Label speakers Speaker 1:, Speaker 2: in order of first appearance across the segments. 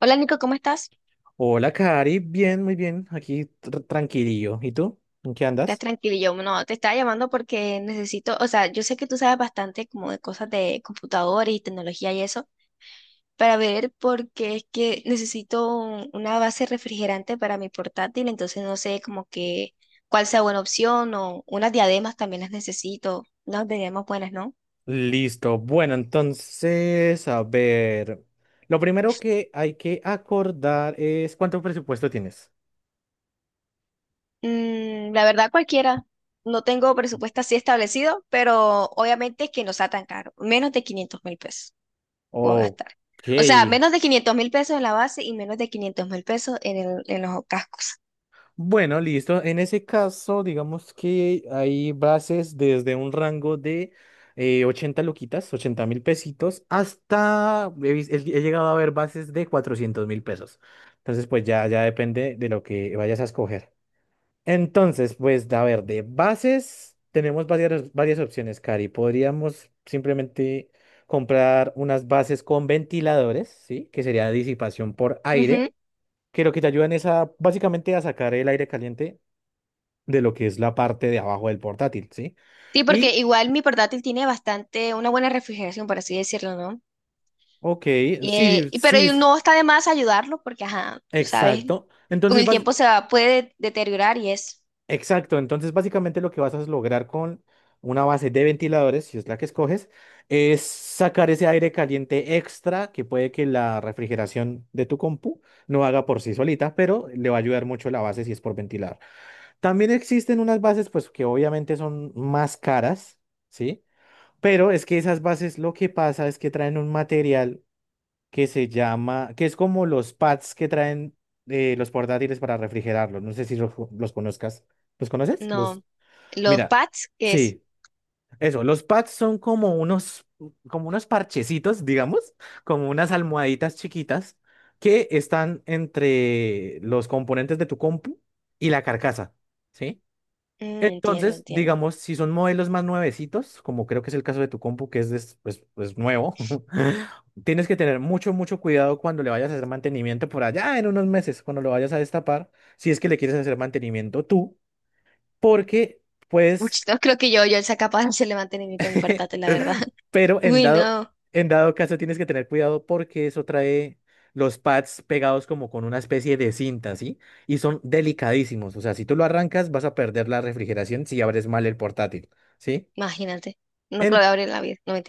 Speaker 1: Hola Nico, ¿cómo estás?
Speaker 2: Hola, Cari. Bien, muy bien. Aquí tranquilillo. ¿Y tú? ¿En qué
Speaker 1: ¿Estás
Speaker 2: andas?
Speaker 1: tranquilo? Yo no, te estaba llamando porque necesito, o sea, yo sé que tú sabes bastante como de cosas de computador y tecnología y eso, para ver porque es que necesito una base refrigerante para mi portátil, entonces no sé como que cuál sea buena opción o unas diademas también las necesito, unas diademas buenas, ¿no?
Speaker 2: Listo. Bueno, entonces, a ver. Lo primero que hay que acordar es cuánto presupuesto tienes.
Speaker 1: La verdad cualquiera. No tengo presupuesto así establecido, pero obviamente que no sea tan caro, menos de 500.000 pesos puedo gastar.
Speaker 2: Ok.
Speaker 1: O sea, menos de 500.000 pesos en la base y menos de 500.000 pesos en los cascos.
Speaker 2: Bueno, listo. En ese caso, digamos que hay bases desde un rango de 80 luquitas, 80.000 pesitos, hasta he llegado a ver bases de 400.000 pesos. Entonces, pues ya depende de lo que vayas a escoger. Entonces, pues, a ver, de bases tenemos varias, varias opciones, Cari. Podríamos simplemente comprar unas bases con ventiladores, ¿sí? Que sería disipación por
Speaker 1: Ujú.
Speaker 2: aire, que lo que te ayudan es a, básicamente a sacar el aire caliente de lo que es la parte de abajo del portátil, ¿sí?
Speaker 1: Sí, porque
Speaker 2: Y,
Speaker 1: igual mi portátil tiene bastante, una buena refrigeración, por así decirlo, ¿no?
Speaker 2: ok, sí,
Speaker 1: Pero
Speaker 2: sí,
Speaker 1: y no está de más ayudarlo porque, ajá, tú sabes,
Speaker 2: exacto.
Speaker 1: con
Speaker 2: Entonces,
Speaker 1: el tiempo se va, puede deteriorar y es,
Speaker 2: exacto, entonces básicamente lo que vas a lograr con una base de ventiladores, si es la que escoges, es sacar ese aire caliente extra que puede que la refrigeración de tu compu no haga por sí solita, pero le va a ayudar mucho la base si es por ventilar. También existen unas bases pues que obviamente son más caras, ¿sí? Pero es que esas bases lo que pasa es que traen un material que se llama, que es como los pads que traen los portátiles para refrigerarlos. No sé si los conozcas. ¿Los conoces? Los,
Speaker 1: no, los
Speaker 2: mira,
Speaker 1: pads, que es,
Speaker 2: sí, eso. Los pads son como unos parchecitos, digamos, como unas almohaditas chiquitas que están entre los componentes de tu compu y la carcasa, ¿sí?
Speaker 1: entiendo,
Speaker 2: Entonces,
Speaker 1: entiendo.
Speaker 2: digamos, si son modelos más nuevecitos, como creo que es el caso de tu compu, que es, pues nuevo, tienes que tener mucho, mucho cuidado cuando le vayas a hacer mantenimiento por allá en unos meses, cuando lo vayas a destapar, si es que le quieres hacer mantenimiento tú, porque
Speaker 1: Uy,
Speaker 2: pues,
Speaker 1: no creo que yo sea capaz de hacerle mantenimiento a mi portátil, la verdad.
Speaker 2: pero en
Speaker 1: Uy,
Speaker 2: dado,
Speaker 1: no,
Speaker 2: en dado caso tienes que tener cuidado porque eso trae los pads pegados como con una especie de cinta, ¿sí? Y son delicadísimos, o sea, si tú lo arrancas vas a perder la refrigeración si abres mal el portátil, ¿sí?
Speaker 1: imagínate, no creo
Speaker 2: En-
Speaker 1: que abrir la vida, no me.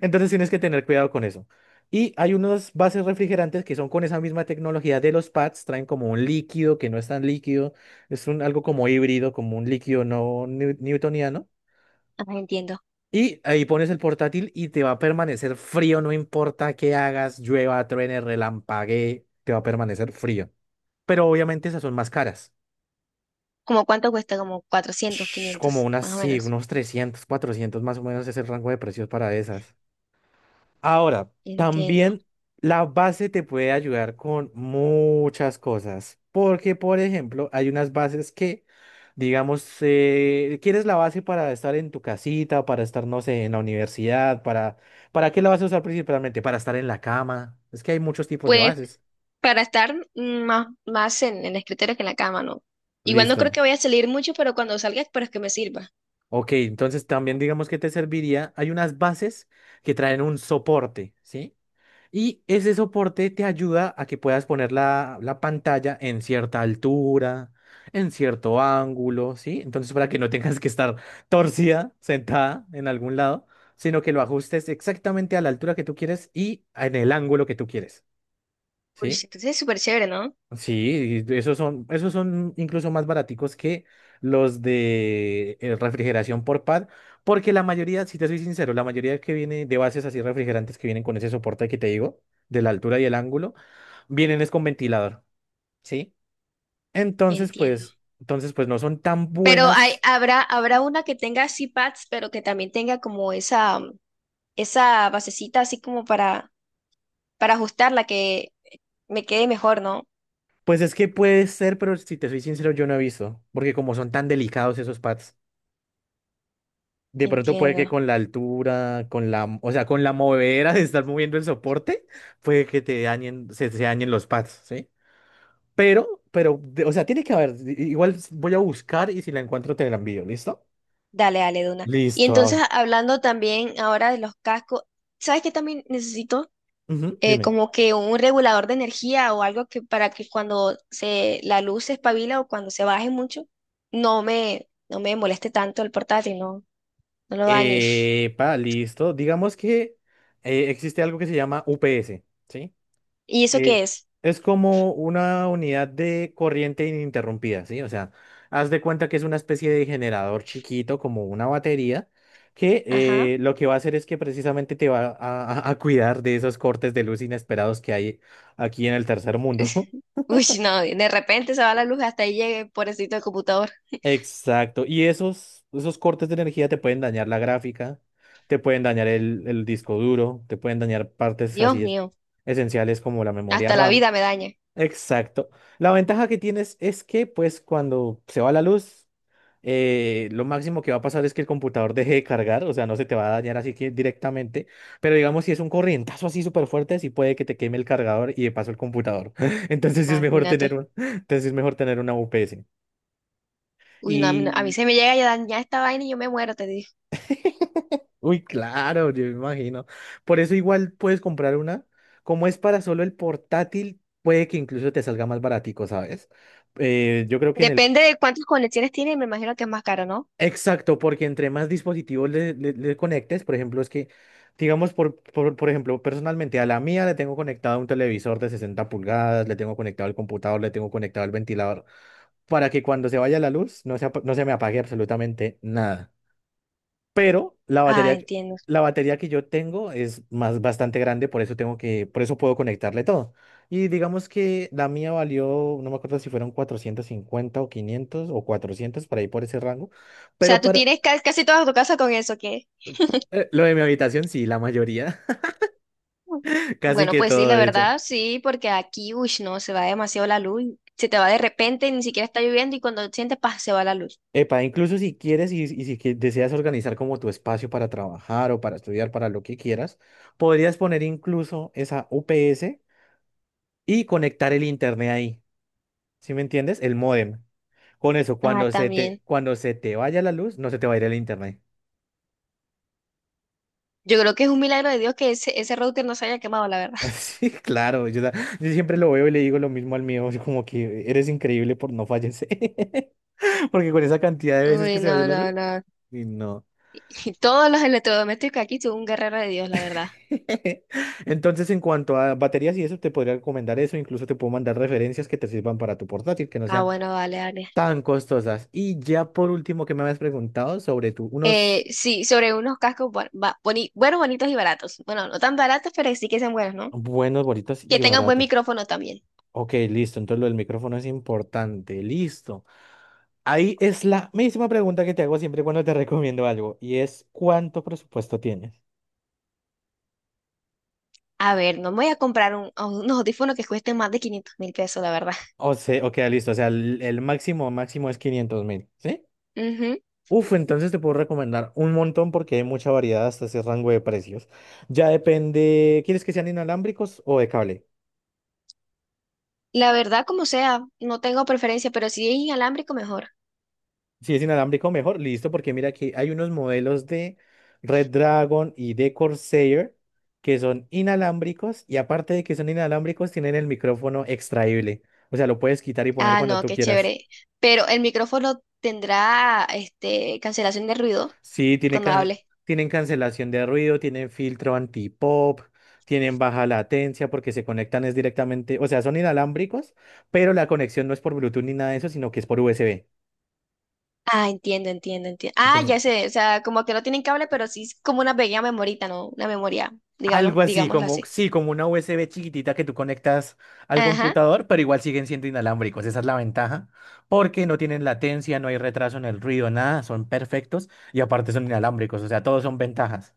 Speaker 2: entonces tienes que tener cuidado con eso. Y hay unos bases refrigerantes que son con esa misma tecnología de los pads, traen como un líquido que no es tan líquido, es un, algo como híbrido, como un líquido no newtoniano.
Speaker 1: Entiendo.
Speaker 2: Y ahí pones el portátil y te va a permanecer frío, no importa qué hagas, llueva, truene, relampaguee, te va a permanecer frío. Pero obviamente esas son más caras.
Speaker 1: ¿Como cuánto cuesta? Como 400,
Speaker 2: Como
Speaker 1: 500,
Speaker 2: unas,
Speaker 1: más o
Speaker 2: sí,
Speaker 1: menos.
Speaker 2: unos 300, 400 más o menos es el rango de precios para esas. Ahora,
Speaker 1: Entiendo.
Speaker 2: también la base te puede ayudar con muchas cosas, porque por ejemplo, hay unas bases que, digamos, quieres la base para estar en tu casita, para estar, no sé, en la universidad, ¿para qué la vas a usar principalmente? Para estar en la cama. Es que hay muchos tipos de
Speaker 1: Pues
Speaker 2: bases.
Speaker 1: para estar más, más en el escritorio que en la cama, ¿no? Igual no creo
Speaker 2: Listo.
Speaker 1: que vaya a salir mucho, pero cuando salga espero que me sirva.
Speaker 2: Ok, entonces también digamos que te serviría, hay unas bases que traen un soporte, ¿sí? Y ese soporte te ayuda a que puedas poner la pantalla en cierta altura, en cierto ángulo, ¿sí? Entonces, para que no tengas que estar torcida, sentada en algún lado, sino que lo ajustes exactamente a la altura que tú quieres y en el ángulo que tú quieres,
Speaker 1: Uy, sí,
Speaker 2: ¿sí?
Speaker 1: entonces es súper chévere, ¿no?
Speaker 2: Sí, y esos son incluso más baraticos que los de refrigeración por pad, porque la mayoría, si te soy sincero, la mayoría que viene de bases así refrigerantes que vienen con ese soporte que te digo, de la altura y el ángulo, vienen es con ventilador. ¿Sí? Entonces,
Speaker 1: Entiendo.
Speaker 2: pues, entonces, pues no son tan
Speaker 1: Pero hay,
Speaker 2: buenas.
Speaker 1: habrá, habrá una que tenga así pads, pero que también tenga como esa, esa basecita así como para ajustarla, que me quede mejor, ¿no?
Speaker 2: Pues es que puede ser, pero si te soy sincero, yo no he visto. Porque como son tan delicados esos pads, de pronto puede que
Speaker 1: Entiendo.
Speaker 2: con la altura, con la, o sea, con la movedera de estar moviendo el soporte, puede que te dañen, se dañen los pads, ¿sí? Pero, o sea, tiene que haber. Igual voy a buscar y si la encuentro te la envío, ¿listo?
Speaker 1: Dale, dale, Duna. Y
Speaker 2: Listo.
Speaker 1: entonces,
Speaker 2: A
Speaker 1: hablando también ahora de los cascos, ¿sabes qué también necesito?
Speaker 2: Ujú, dime.
Speaker 1: Como que un regulador de energía o algo que para que cuando la luz se espabila o cuando se baje mucho, no me moleste tanto el portátil, no lo dañe.
Speaker 2: Epa, listo. Digamos que existe algo que se llama UPS, ¿sí?
Speaker 1: ¿Y eso qué
Speaker 2: Que
Speaker 1: es?
Speaker 2: es como una unidad de corriente ininterrumpida, ¿sí? O sea, haz de cuenta que es una especie de generador chiquito, como una batería, que
Speaker 1: Ajá.
Speaker 2: lo que va a hacer es que precisamente te va a cuidar de esos cortes de luz inesperados que hay aquí en el tercer mundo.
Speaker 1: Uy, no, de repente se va la luz hasta ahí llegue, pobrecito el computador.
Speaker 2: Exacto. Y esos cortes de energía te pueden dañar la gráfica, te pueden dañar el disco duro, te pueden dañar partes
Speaker 1: Dios
Speaker 2: así
Speaker 1: mío,
Speaker 2: esenciales como la memoria
Speaker 1: hasta la
Speaker 2: RAM.
Speaker 1: vida me daña.
Speaker 2: Exacto. La ventaja que tienes es que, pues, cuando se va la luz, lo máximo que va a pasar es que el computador deje de cargar, o sea, no se te va a dañar así que directamente, pero digamos, si es un corrientazo así súper fuerte, sí puede que te queme el cargador y de paso el computador. Entonces sí es mejor
Speaker 1: Imagínate.
Speaker 2: tener una UPS.
Speaker 1: Uy, no, a mí se me llega a dañar esta vaina y yo me muero, te.
Speaker 2: Uy, claro, yo me imagino. Por eso igual puedes comprar una. Como es para solo el portátil, puede que incluso te salga más baratico, ¿sabes? Yo creo que en el...
Speaker 1: Depende de cuántas conexiones tiene, me imagino que es más caro, ¿no?
Speaker 2: Exacto, porque entre más dispositivos le conectes, por ejemplo, es que, digamos, por ejemplo, personalmente a la mía le tengo conectado un televisor de 60 pulgadas, le tengo conectado el computador, le tengo conectado el ventilador, para que cuando se vaya la luz no se me apague absolutamente nada. Pero
Speaker 1: Ah, entiendo. O
Speaker 2: la batería que yo tengo es más bastante grande, por eso puedo conectarle todo. Y digamos que la mía valió, no me acuerdo si fueron 450 o 500 o 400 por ahí por ese rango,
Speaker 1: sea,
Speaker 2: pero
Speaker 1: tú
Speaker 2: para
Speaker 1: tienes casi toda tu casa con eso, ¿qué?
Speaker 2: lo de mi habitación sí, la mayoría,
Speaker 1: Mm.
Speaker 2: casi
Speaker 1: Bueno,
Speaker 2: que
Speaker 1: pues sí,
Speaker 2: todo
Speaker 1: la
Speaker 2: de hecho.
Speaker 1: verdad, sí, porque aquí, uy, no, se va demasiado la luz. Se te va de repente, ni siquiera está lloviendo y cuando sientes, paz, se va la luz.
Speaker 2: Epa, incluso si quieres y si que- deseas organizar como tu espacio para trabajar o para estudiar, para lo que quieras, podrías poner incluso esa UPS y conectar el internet ahí. ¿Sí me entiendes? El módem. Con eso,
Speaker 1: Ah,
Speaker 2: cuando se te,
Speaker 1: también.
Speaker 2: cuando se te vaya la luz, no se te va a ir el internet.
Speaker 1: Yo creo que es un milagro de Dios que ese router no se haya quemado, la verdad.
Speaker 2: Sí, claro. Yo siempre lo veo y le digo lo mismo al mío, así como que eres increíble por no fallecer. Porque con esa cantidad de veces
Speaker 1: Uy,
Speaker 2: que se vaya
Speaker 1: no,
Speaker 2: la luz,
Speaker 1: no, no.
Speaker 2: y no.
Speaker 1: Y todos los electrodomésticos aquí son un guerrero de Dios, la verdad.
Speaker 2: Entonces, en cuanto a baterías y eso, te podría recomendar eso. Incluso te puedo mandar referencias que te sirvan para tu portátil, que no
Speaker 1: Ah,
Speaker 2: sean
Speaker 1: bueno, vale, vale.
Speaker 2: tan costosas. Y ya por último, que me habías preguntado sobre tu unos
Speaker 1: Sí, sobre unos cascos buenos, bonitos y baratos. Bueno, no tan baratos, pero sí que sean buenos, ¿no?
Speaker 2: buenos, bonitos
Speaker 1: Que
Speaker 2: y
Speaker 1: tengan buen
Speaker 2: baratos.
Speaker 1: micrófono también.
Speaker 2: Ok, listo. Entonces lo del micrófono es importante. Listo. Ahí es la misma pregunta que te hago siempre cuando te recomiendo algo y es, ¿cuánto presupuesto tienes?
Speaker 1: A ver, no me voy a comprar a unos audífonos que cuesten más de 500.000 pesos, la verdad.
Speaker 2: O sea, ok, listo. O sea, el máximo máximo es 500.000, ¿sí?
Speaker 1: Ujú.
Speaker 2: Uf, entonces te puedo recomendar un montón porque hay mucha variedad hasta ese rango de precios. Ya depende, ¿quieres que sean inalámbricos o de cable?
Speaker 1: La verdad, como sea, no tengo preferencia, pero si es inalámbrico, mejor.
Speaker 2: Si es inalámbrico, mejor, listo, porque mira que hay unos modelos de Red Dragon y de Corsair que son inalámbricos y aparte de que son inalámbricos, tienen el micrófono extraíble. O sea, lo puedes quitar y poner
Speaker 1: Ah,
Speaker 2: cuando
Speaker 1: no,
Speaker 2: tú
Speaker 1: qué
Speaker 2: quieras.
Speaker 1: chévere. Pero el micrófono tendrá, este, cancelación de ruido
Speaker 2: Sí,
Speaker 1: cuando hable.
Speaker 2: tienen cancelación de ruido, tienen filtro anti-pop, tienen baja latencia porque se conectan es directamente, o sea, son inalámbricos, pero la conexión no es por Bluetooth ni nada de eso, sino que es por USB.
Speaker 1: Ah, entiendo, entiendo, entiendo. Ah,
Speaker 2: Entonces,
Speaker 1: ya sé, o sea, como que no tienen cable, pero sí es como una pequeña memorita, ¿no? Una memoria, digamos,
Speaker 2: algo así,
Speaker 1: digámoslo
Speaker 2: como,
Speaker 1: así.
Speaker 2: sí, como una USB chiquitita que tú conectas al
Speaker 1: Ajá.
Speaker 2: computador, pero igual siguen siendo inalámbricos. Esa es la ventaja, porque no tienen latencia, no hay retraso en el ruido, nada, son perfectos y aparte son inalámbricos, o sea, todos son ventajas.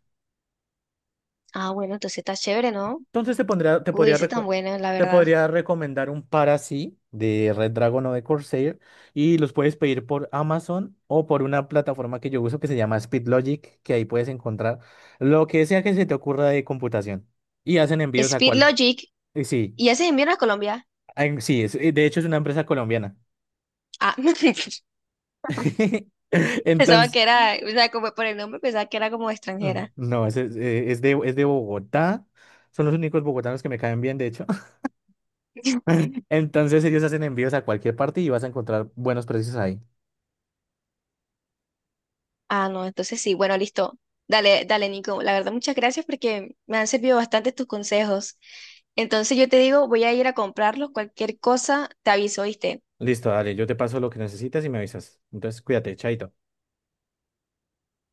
Speaker 1: Ah, bueno, entonces está chévere, ¿no?
Speaker 2: Entonces
Speaker 1: Uy, ese tan bueno, la
Speaker 2: te
Speaker 1: verdad.
Speaker 2: podría recomendar un par así de Red Dragon o de Corsair y los puedes pedir por Amazon o por una plataforma que yo uso que se llama SpeedLogic, que ahí puedes encontrar lo que sea que se te ocurra de computación y hacen envíos a
Speaker 1: Speed
Speaker 2: cualquier...
Speaker 1: Logic.
Speaker 2: Sí,
Speaker 1: ¿Y ya se envió a Colombia?
Speaker 2: ay, sí, de hecho es una empresa colombiana.
Speaker 1: Ah, pensaba
Speaker 2: Entonces,
Speaker 1: que era, o sea, como por el nombre pensaba que era como extranjera.
Speaker 2: no, es de Bogotá. Son los únicos bogotanos que me caen bien, de hecho. Entonces ellos hacen envíos a cualquier parte y vas a encontrar buenos precios ahí.
Speaker 1: Ah, no, entonces sí, bueno, listo. Dale, dale, Nico. La verdad, muchas gracias porque me han servido bastante tus consejos. Entonces yo te digo, voy a ir a comprarlos. Cualquier cosa, te aviso, ¿viste?
Speaker 2: Listo, dale, yo te paso lo que necesitas y me avisas. Entonces, cuídate, chaito.